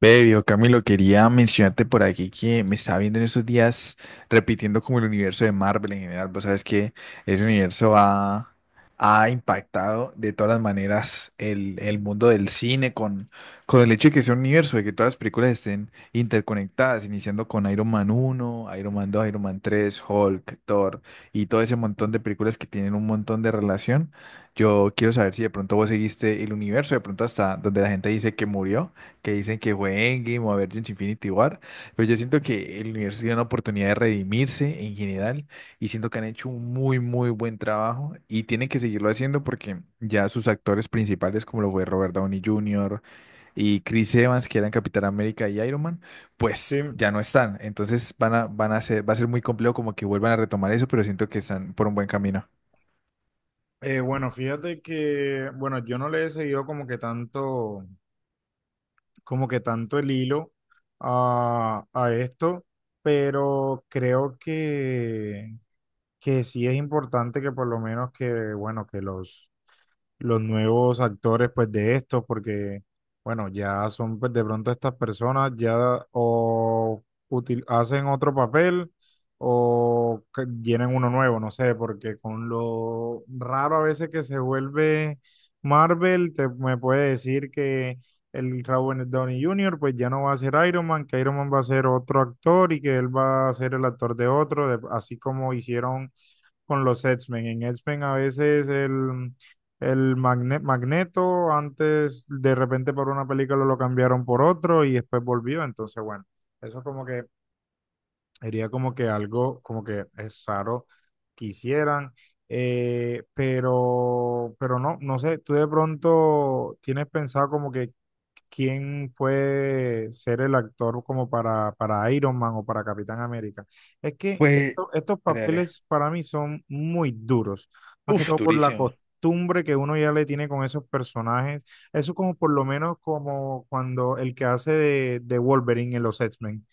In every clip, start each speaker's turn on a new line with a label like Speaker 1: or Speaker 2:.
Speaker 1: Bebio, Camilo, quería mencionarte por aquí que me estaba viendo en estos días repitiendo como el universo de Marvel en general. Vos sabes que ese universo ha impactado de todas las maneras el mundo del cine con el hecho de que sea un universo, de que todas las películas estén interconectadas, iniciando con Iron Man uno, Iron Man dos, Iron Man tres, Hulk, Thor y todo ese montón de películas que tienen un montón de relación. Yo quiero saber si de pronto vos seguiste el universo, de pronto hasta donde la gente dice que murió que dicen que fue Endgame o Avengers Infinity War, pero yo siento que el universo tiene una oportunidad de redimirse en general y siento que han hecho un muy, muy buen trabajo y tienen que seguirlo haciendo porque ya sus actores principales, como lo fue Robert Downey Jr. y Chris Evans, que eran Capitán América y Iron Man,
Speaker 2: Sí,
Speaker 1: pues ya no están. Entonces va a ser muy complejo como que vuelvan a retomar eso, pero siento que están por un buen camino.
Speaker 2: bueno, fíjate que, bueno, yo no le he seguido como que tanto el hilo a esto, pero creo que sí es importante que por lo menos que, bueno, que los nuevos actores pues de esto, porque bueno, ya son pues de pronto estas personas ya o hacen otro papel o llenan uno nuevo, no sé, porque con lo raro a veces que se vuelve Marvel, te me puede decir que el Robert Downey Jr. pues ya no va a ser Iron Man, que Iron Man va a ser otro actor y que él va a ser el actor de otro, así como hicieron con los X-Men. En X-Men a veces el Magneto antes de repente por una película lo cambiaron por otro y después volvió. Entonces, bueno, eso como que sería como que algo como que es raro que hicieran. Pero no, no sé, tú de pronto tienes pensado como que quién puede ser el actor como para Iron Man o para Capitán América. Es que
Speaker 1: Pues,
Speaker 2: estos
Speaker 1: dale, dale.
Speaker 2: papeles para mí son muy duros, más que
Speaker 1: Uf,
Speaker 2: todo por la
Speaker 1: durísimo.
Speaker 2: costumbre que uno ya le tiene con esos personajes. Eso como por lo menos como cuando el que hace de Wolverine en los X-Men.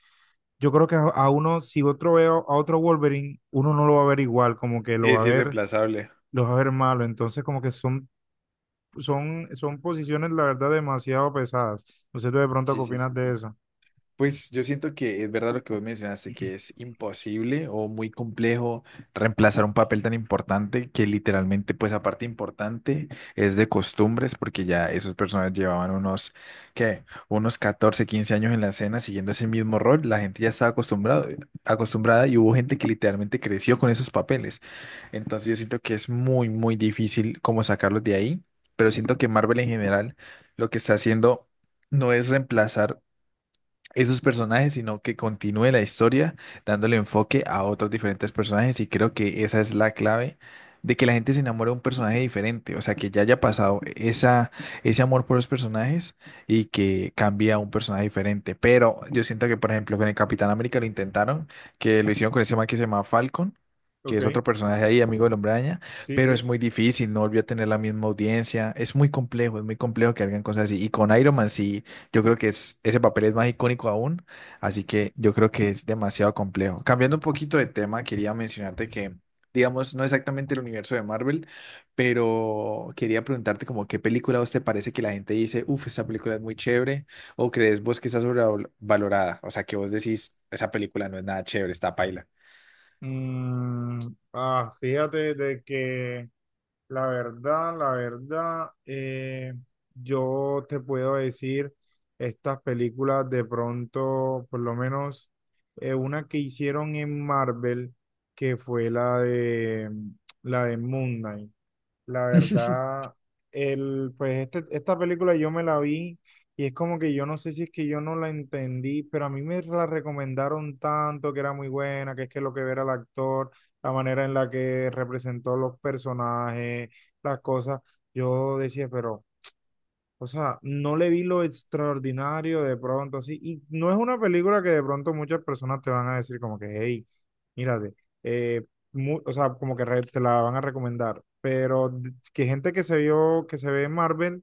Speaker 2: Yo creo que a uno, si otro veo a otro Wolverine, uno no lo va a ver igual, como que lo
Speaker 1: Sí,
Speaker 2: va
Speaker 1: es
Speaker 2: a ver,
Speaker 1: irreemplazable.
Speaker 2: lo va a ver malo. Entonces como que son son posiciones, la verdad, demasiado pesadas. No sé tú de pronto
Speaker 1: Sí,
Speaker 2: qué
Speaker 1: sí,
Speaker 2: opinas
Speaker 1: sí,
Speaker 2: de
Speaker 1: sí.
Speaker 2: eso.
Speaker 1: Pues yo siento que es verdad lo que vos mencionaste, que es imposible o muy complejo reemplazar un papel tan importante que literalmente, pues aparte importante, es de costumbres, porque ya esos personas llevaban unos, ¿qué? Unos 14 15 años en la escena siguiendo ese mismo rol, la gente ya estaba acostumbrada y hubo gente que literalmente creció con esos papeles. Entonces yo siento que es muy, muy difícil como sacarlos de ahí, pero siento que Marvel en general lo que está haciendo no es reemplazar esos personajes, sino que continúe la historia dándole enfoque a otros diferentes personajes y creo que esa es la clave de que la gente se enamore de un personaje diferente, o sea, que ya haya pasado ese amor por los personajes y que cambie a un personaje diferente. Pero yo siento que, por ejemplo, con el Capitán América lo intentaron, que lo hicieron con ese man que se llama Falcon, que
Speaker 2: Ok,
Speaker 1: es otro personaje ahí, amigo del Hombre Araña,
Speaker 2: sí,
Speaker 1: pero es
Speaker 2: sí.
Speaker 1: muy difícil, no volvió a tener la misma audiencia, es muy complejo que hagan cosas así, y con Iron Man sí, yo creo que es, ese papel es más icónico aún, así que yo creo que es demasiado complejo. Cambiando un poquito de tema, quería mencionarte que, digamos, no exactamente el universo de Marvel, pero quería preguntarte como qué película a vos te parece que la gente dice, uff, esa película es muy chévere, o crees vos que está sobrevalorada, o sea, que vos decís, esa película no es nada chévere, está paila.
Speaker 2: Mm, ah, fíjate de que la verdad, yo te puedo decir estas películas de pronto, por lo menos una que hicieron en Marvel, que fue la de Moon Knight. La verdad, el, pues esta película yo me la vi y es como que yo no sé si es que yo no la entendí, pero a mí me la recomendaron tanto que era muy buena, que es que lo que ver al actor, la manera en la que representó los personajes, las cosas, yo decía, pero... O sea, no le vi lo extraordinario de pronto así. Y no es una película que de pronto muchas personas te van a decir como que, hey, mírate. eh, o sea, como que te la van a recomendar. Pero que gente que se vio, que se ve en Marvel,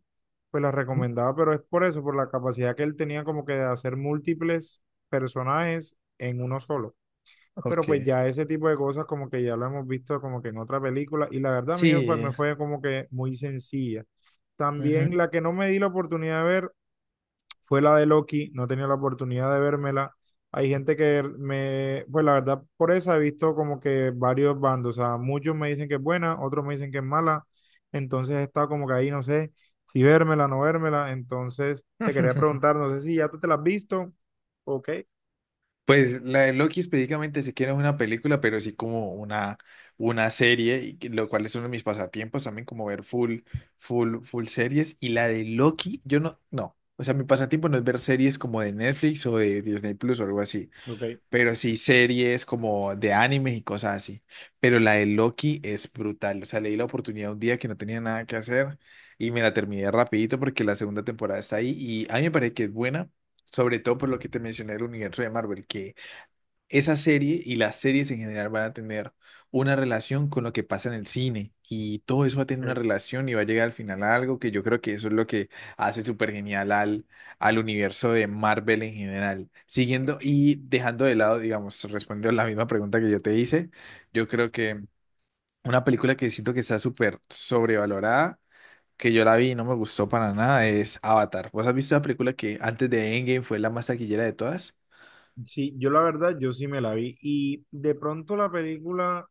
Speaker 2: pues la
Speaker 1: Mm.
Speaker 2: recomendaba, pero es por eso, por la capacidad que él tenía como que de hacer múltiples personajes en uno solo. Pero pues
Speaker 1: Ok.
Speaker 2: ya ese tipo de cosas como que ya lo hemos visto como que en otra película y la verdad a mí pues,
Speaker 1: Sí.
Speaker 2: me fue como que muy sencilla.
Speaker 1: Ujú.
Speaker 2: También la que no me di la oportunidad de ver fue la de Loki, no tenía la oportunidad de vérmela. Hay gente que me, pues la verdad por esa he visto como que varios bandos, o sea, muchos me dicen que es buena, otros me dicen que es mala, entonces he estado como que ahí no sé si vérmela, no vérmela, entonces te quería preguntar, no sé si ya tú te la has visto, ok,
Speaker 1: Pues la de Loki específicamente sí que no es una película, pero sí como una serie, y que- lo cual es uno de mis pasatiempos también, como ver full, full, full series. Y la de Loki, yo no, no. O sea, mi pasatiempo no es ver series como de Netflix o de Disney Plus o algo así,
Speaker 2: ok,
Speaker 1: pero sí series como de animes y cosas así. Pero la de Loki es brutal. O sea, le di la oportunidad un día que no tenía nada que hacer y me la terminé rapidito porque la segunda temporada está ahí y a mí me parece que es buena. Sobre todo por lo que te mencioné del universo de Marvel, que esa serie y las series en general van a tener una relación con lo que pasa en el cine y todo eso va a tener una
Speaker 2: ok.
Speaker 1: relación y va a llegar al final a algo que yo creo que eso es lo que hace súper genial al universo de Marvel en general. Siguiendo y dejando de lado, digamos, respondiendo la misma pregunta que yo te hice, yo creo que una película que siento que está súper sobrevalorada, que yo la vi y no me gustó para nada, es Avatar. ¿Vos has visto la película que antes de Endgame fue la más taquillera de todas?
Speaker 2: Sí, yo la verdad, yo sí me la vi. Y de pronto la película,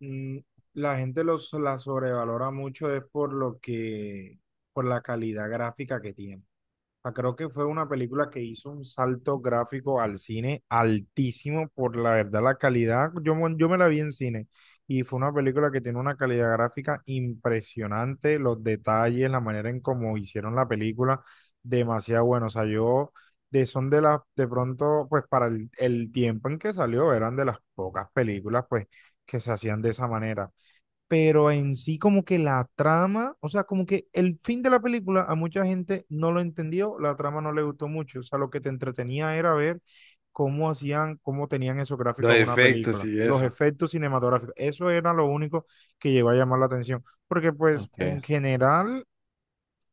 Speaker 2: mm, la gente los, la sobrevalora mucho es por lo que, por la calidad gráfica que tiene sea, creo que fue una película que hizo un salto gráfico al cine altísimo por la verdad, la calidad. Yo, yo me la vi en cine y fue una película que tiene una calidad gráfica impresionante, los detalles, la manera en cómo hicieron la película, demasiado bueno. O sea, yo de son de las, de pronto, pues para el tiempo en que salió, eran de las pocas películas, pues, que se hacían de esa manera pero en sí como que la trama, o sea, como que el fin de la película a mucha gente no lo entendió, la trama no le gustó mucho, o sea, lo que te entretenía era ver cómo hacían, cómo tenían esos
Speaker 1: Los
Speaker 2: gráficos una
Speaker 1: efectos
Speaker 2: película,
Speaker 1: y
Speaker 2: los
Speaker 1: eso.
Speaker 2: efectos cinematográficos, eso era lo único que llegó a llamar la atención, porque pues en
Speaker 1: Ok.
Speaker 2: general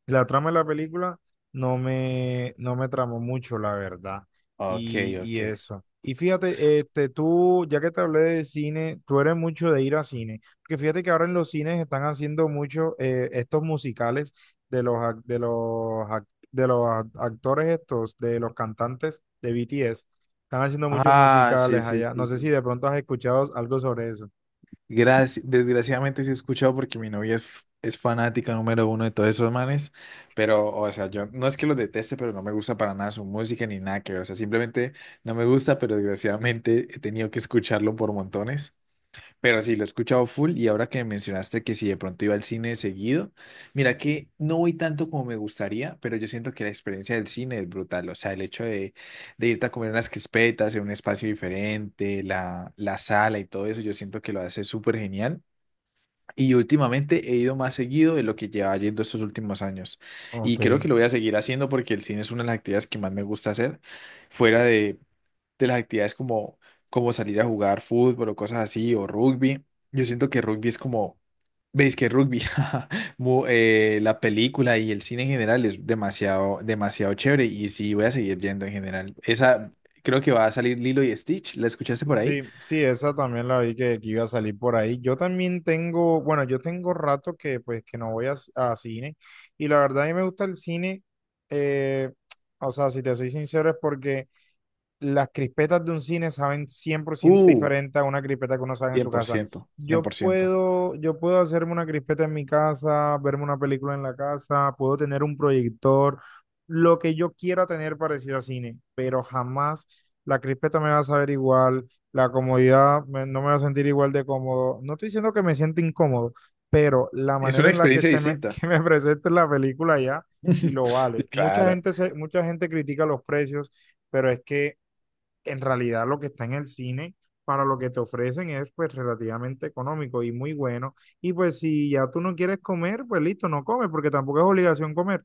Speaker 2: la trama de la película no me tramó mucho, la verdad.
Speaker 1: Ok, ok.
Speaker 2: Y eso. Y fíjate, este, tú, ya que te hablé de cine, tú eres mucho de ir a cine. Porque fíjate que ahora en los cines están haciendo mucho estos musicales de los, ac- de los, ac- de los actores estos, de los cantantes de BTS. Están haciendo muchos
Speaker 1: Ah, sí,
Speaker 2: musicales
Speaker 1: sí,
Speaker 2: allá. No
Speaker 1: sí,
Speaker 2: sé si
Speaker 1: sí.
Speaker 2: de pronto has escuchado algo sobre eso.
Speaker 1: Desgraciadamente sí he escuchado porque mi novia es, es fanática número uno de todos esos manes, pero, o sea, yo no es que los deteste, pero no me gusta para nada su música ni nada que ver, o sea, simplemente no me gusta, pero desgraciadamente he tenido que escucharlo por montones. Pero sí, lo he escuchado full y ahora que mencionaste que si de pronto iba al cine seguido, mira que no voy tanto como me gustaría, pero yo siento que la experiencia del cine es brutal, o sea, el hecho de, irte a comer unas crispetas en un espacio diferente, la sala y todo eso, yo siento que lo hace súper genial. Y últimamente he ido más seguido de lo que llevaba yendo estos últimos años.
Speaker 2: Ok.
Speaker 1: Y creo que lo voy a seguir haciendo porque el cine es una de las actividades que más me gusta hacer, fuera de las actividades como salir a jugar fútbol o cosas así, o rugby. Yo siento que rugby es como, veis que rugby, la película y el cine en general es demasiado, demasiado chévere y sí voy a seguir yendo en general. Creo que va a salir Lilo y Stitch, ¿la escuchaste por ahí?
Speaker 2: Sí, sí, esa también la vi que iba a salir por ahí. Yo también tengo, bueno, yo tengo rato que pues que no voy a, a cine y la verdad a mí me gusta el cine, eh, o sea, si te soy sincero es porque las crispetas de un cine saben 100%
Speaker 1: Uh,
Speaker 2: diferente a una crispeta que uno sabe en
Speaker 1: cien
Speaker 2: su
Speaker 1: por
Speaker 2: casa.
Speaker 1: ciento cien por ciento.
Speaker 2: Yo puedo hacerme una crispeta en mi casa, verme una película en la casa, puedo tener un proyector, lo que yo quiera tener parecido a cine, pero jamás la crispeta me va a saber igual, la comodidad no me va a sentir igual de cómodo. No estoy diciendo que me sienta incómodo, pero la
Speaker 1: Es
Speaker 2: manera
Speaker 1: una
Speaker 2: en la que
Speaker 1: experiencia
Speaker 2: se me,
Speaker 1: distinta.
Speaker 2: que me presente la película ya y lo vale.
Speaker 1: Claro,
Speaker 2: Mucha gente critica los precios pero es que en realidad lo que está en el cine para lo que te ofrecen es pues relativamente económico y muy bueno. Y pues si ya tú no quieres comer, pues listo, no comes, porque tampoco es obligación comer.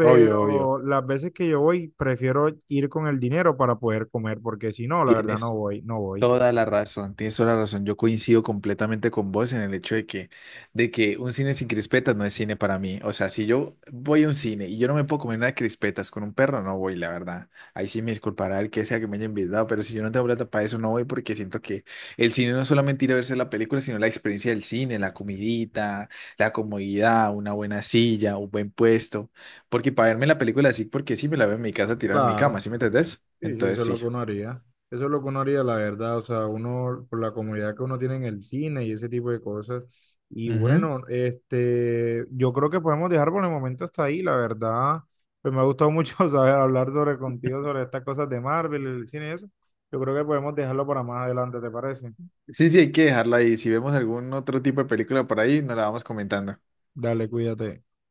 Speaker 1: obvio, obvio.
Speaker 2: las veces que yo voy, prefiero ir con el dinero para poder comer, porque si no, la verdad
Speaker 1: Tienes.
Speaker 2: no voy.
Speaker 1: Toda la razón, tienes toda la razón. Yo coincido completamente con vos en el hecho de que un cine sin crispetas no es cine para mí. O sea, si yo voy a un cine y yo no me puedo comer unas crispetas con un perro, no voy, la verdad. Ahí sí me disculpará el que sea que me haya invitado, pero si yo no tengo plata para eso, no voy porque siento que el cine no es solamente ir a verse la película, sino la experiencia del cine, la comidita, la comodidad, una buena silla, un buen puesto. Porque para verme la película así, porque sí me la veo en mi casa tirada en mi cama,
Speaker 2: Claro.
Speaker 1: ¿sí me entendés?
Speaker 2: Sí, sí,
Speaker 1: Entonces
Speaker 2: eso es lo
Speaker 1: sí.
Speaker 2: que uno haría. Eso es lo que uno haría, la verdad. O sea, uno, por la comodidad que uno tiene en el cine y ese tipo de cosas. Y
Speaker 1: Ujú.
Speaker 2: bueno, este, yo creo que podemos dejar por el momento hasta ahí, la verdad. Pues me ha gustado mucho saber hablar sobre contigo, sobre estas cosas de Marvel, el cine y eso. Yo creo que podemos dejarlo para más adelante, ¿te parece?
Speaker 1: Sí, sí, hay que dejarlo ahí. Si vemos algún otro tipo de película por ahí, nos la vamos comentando.
Speaker 2: Dale, cuídate.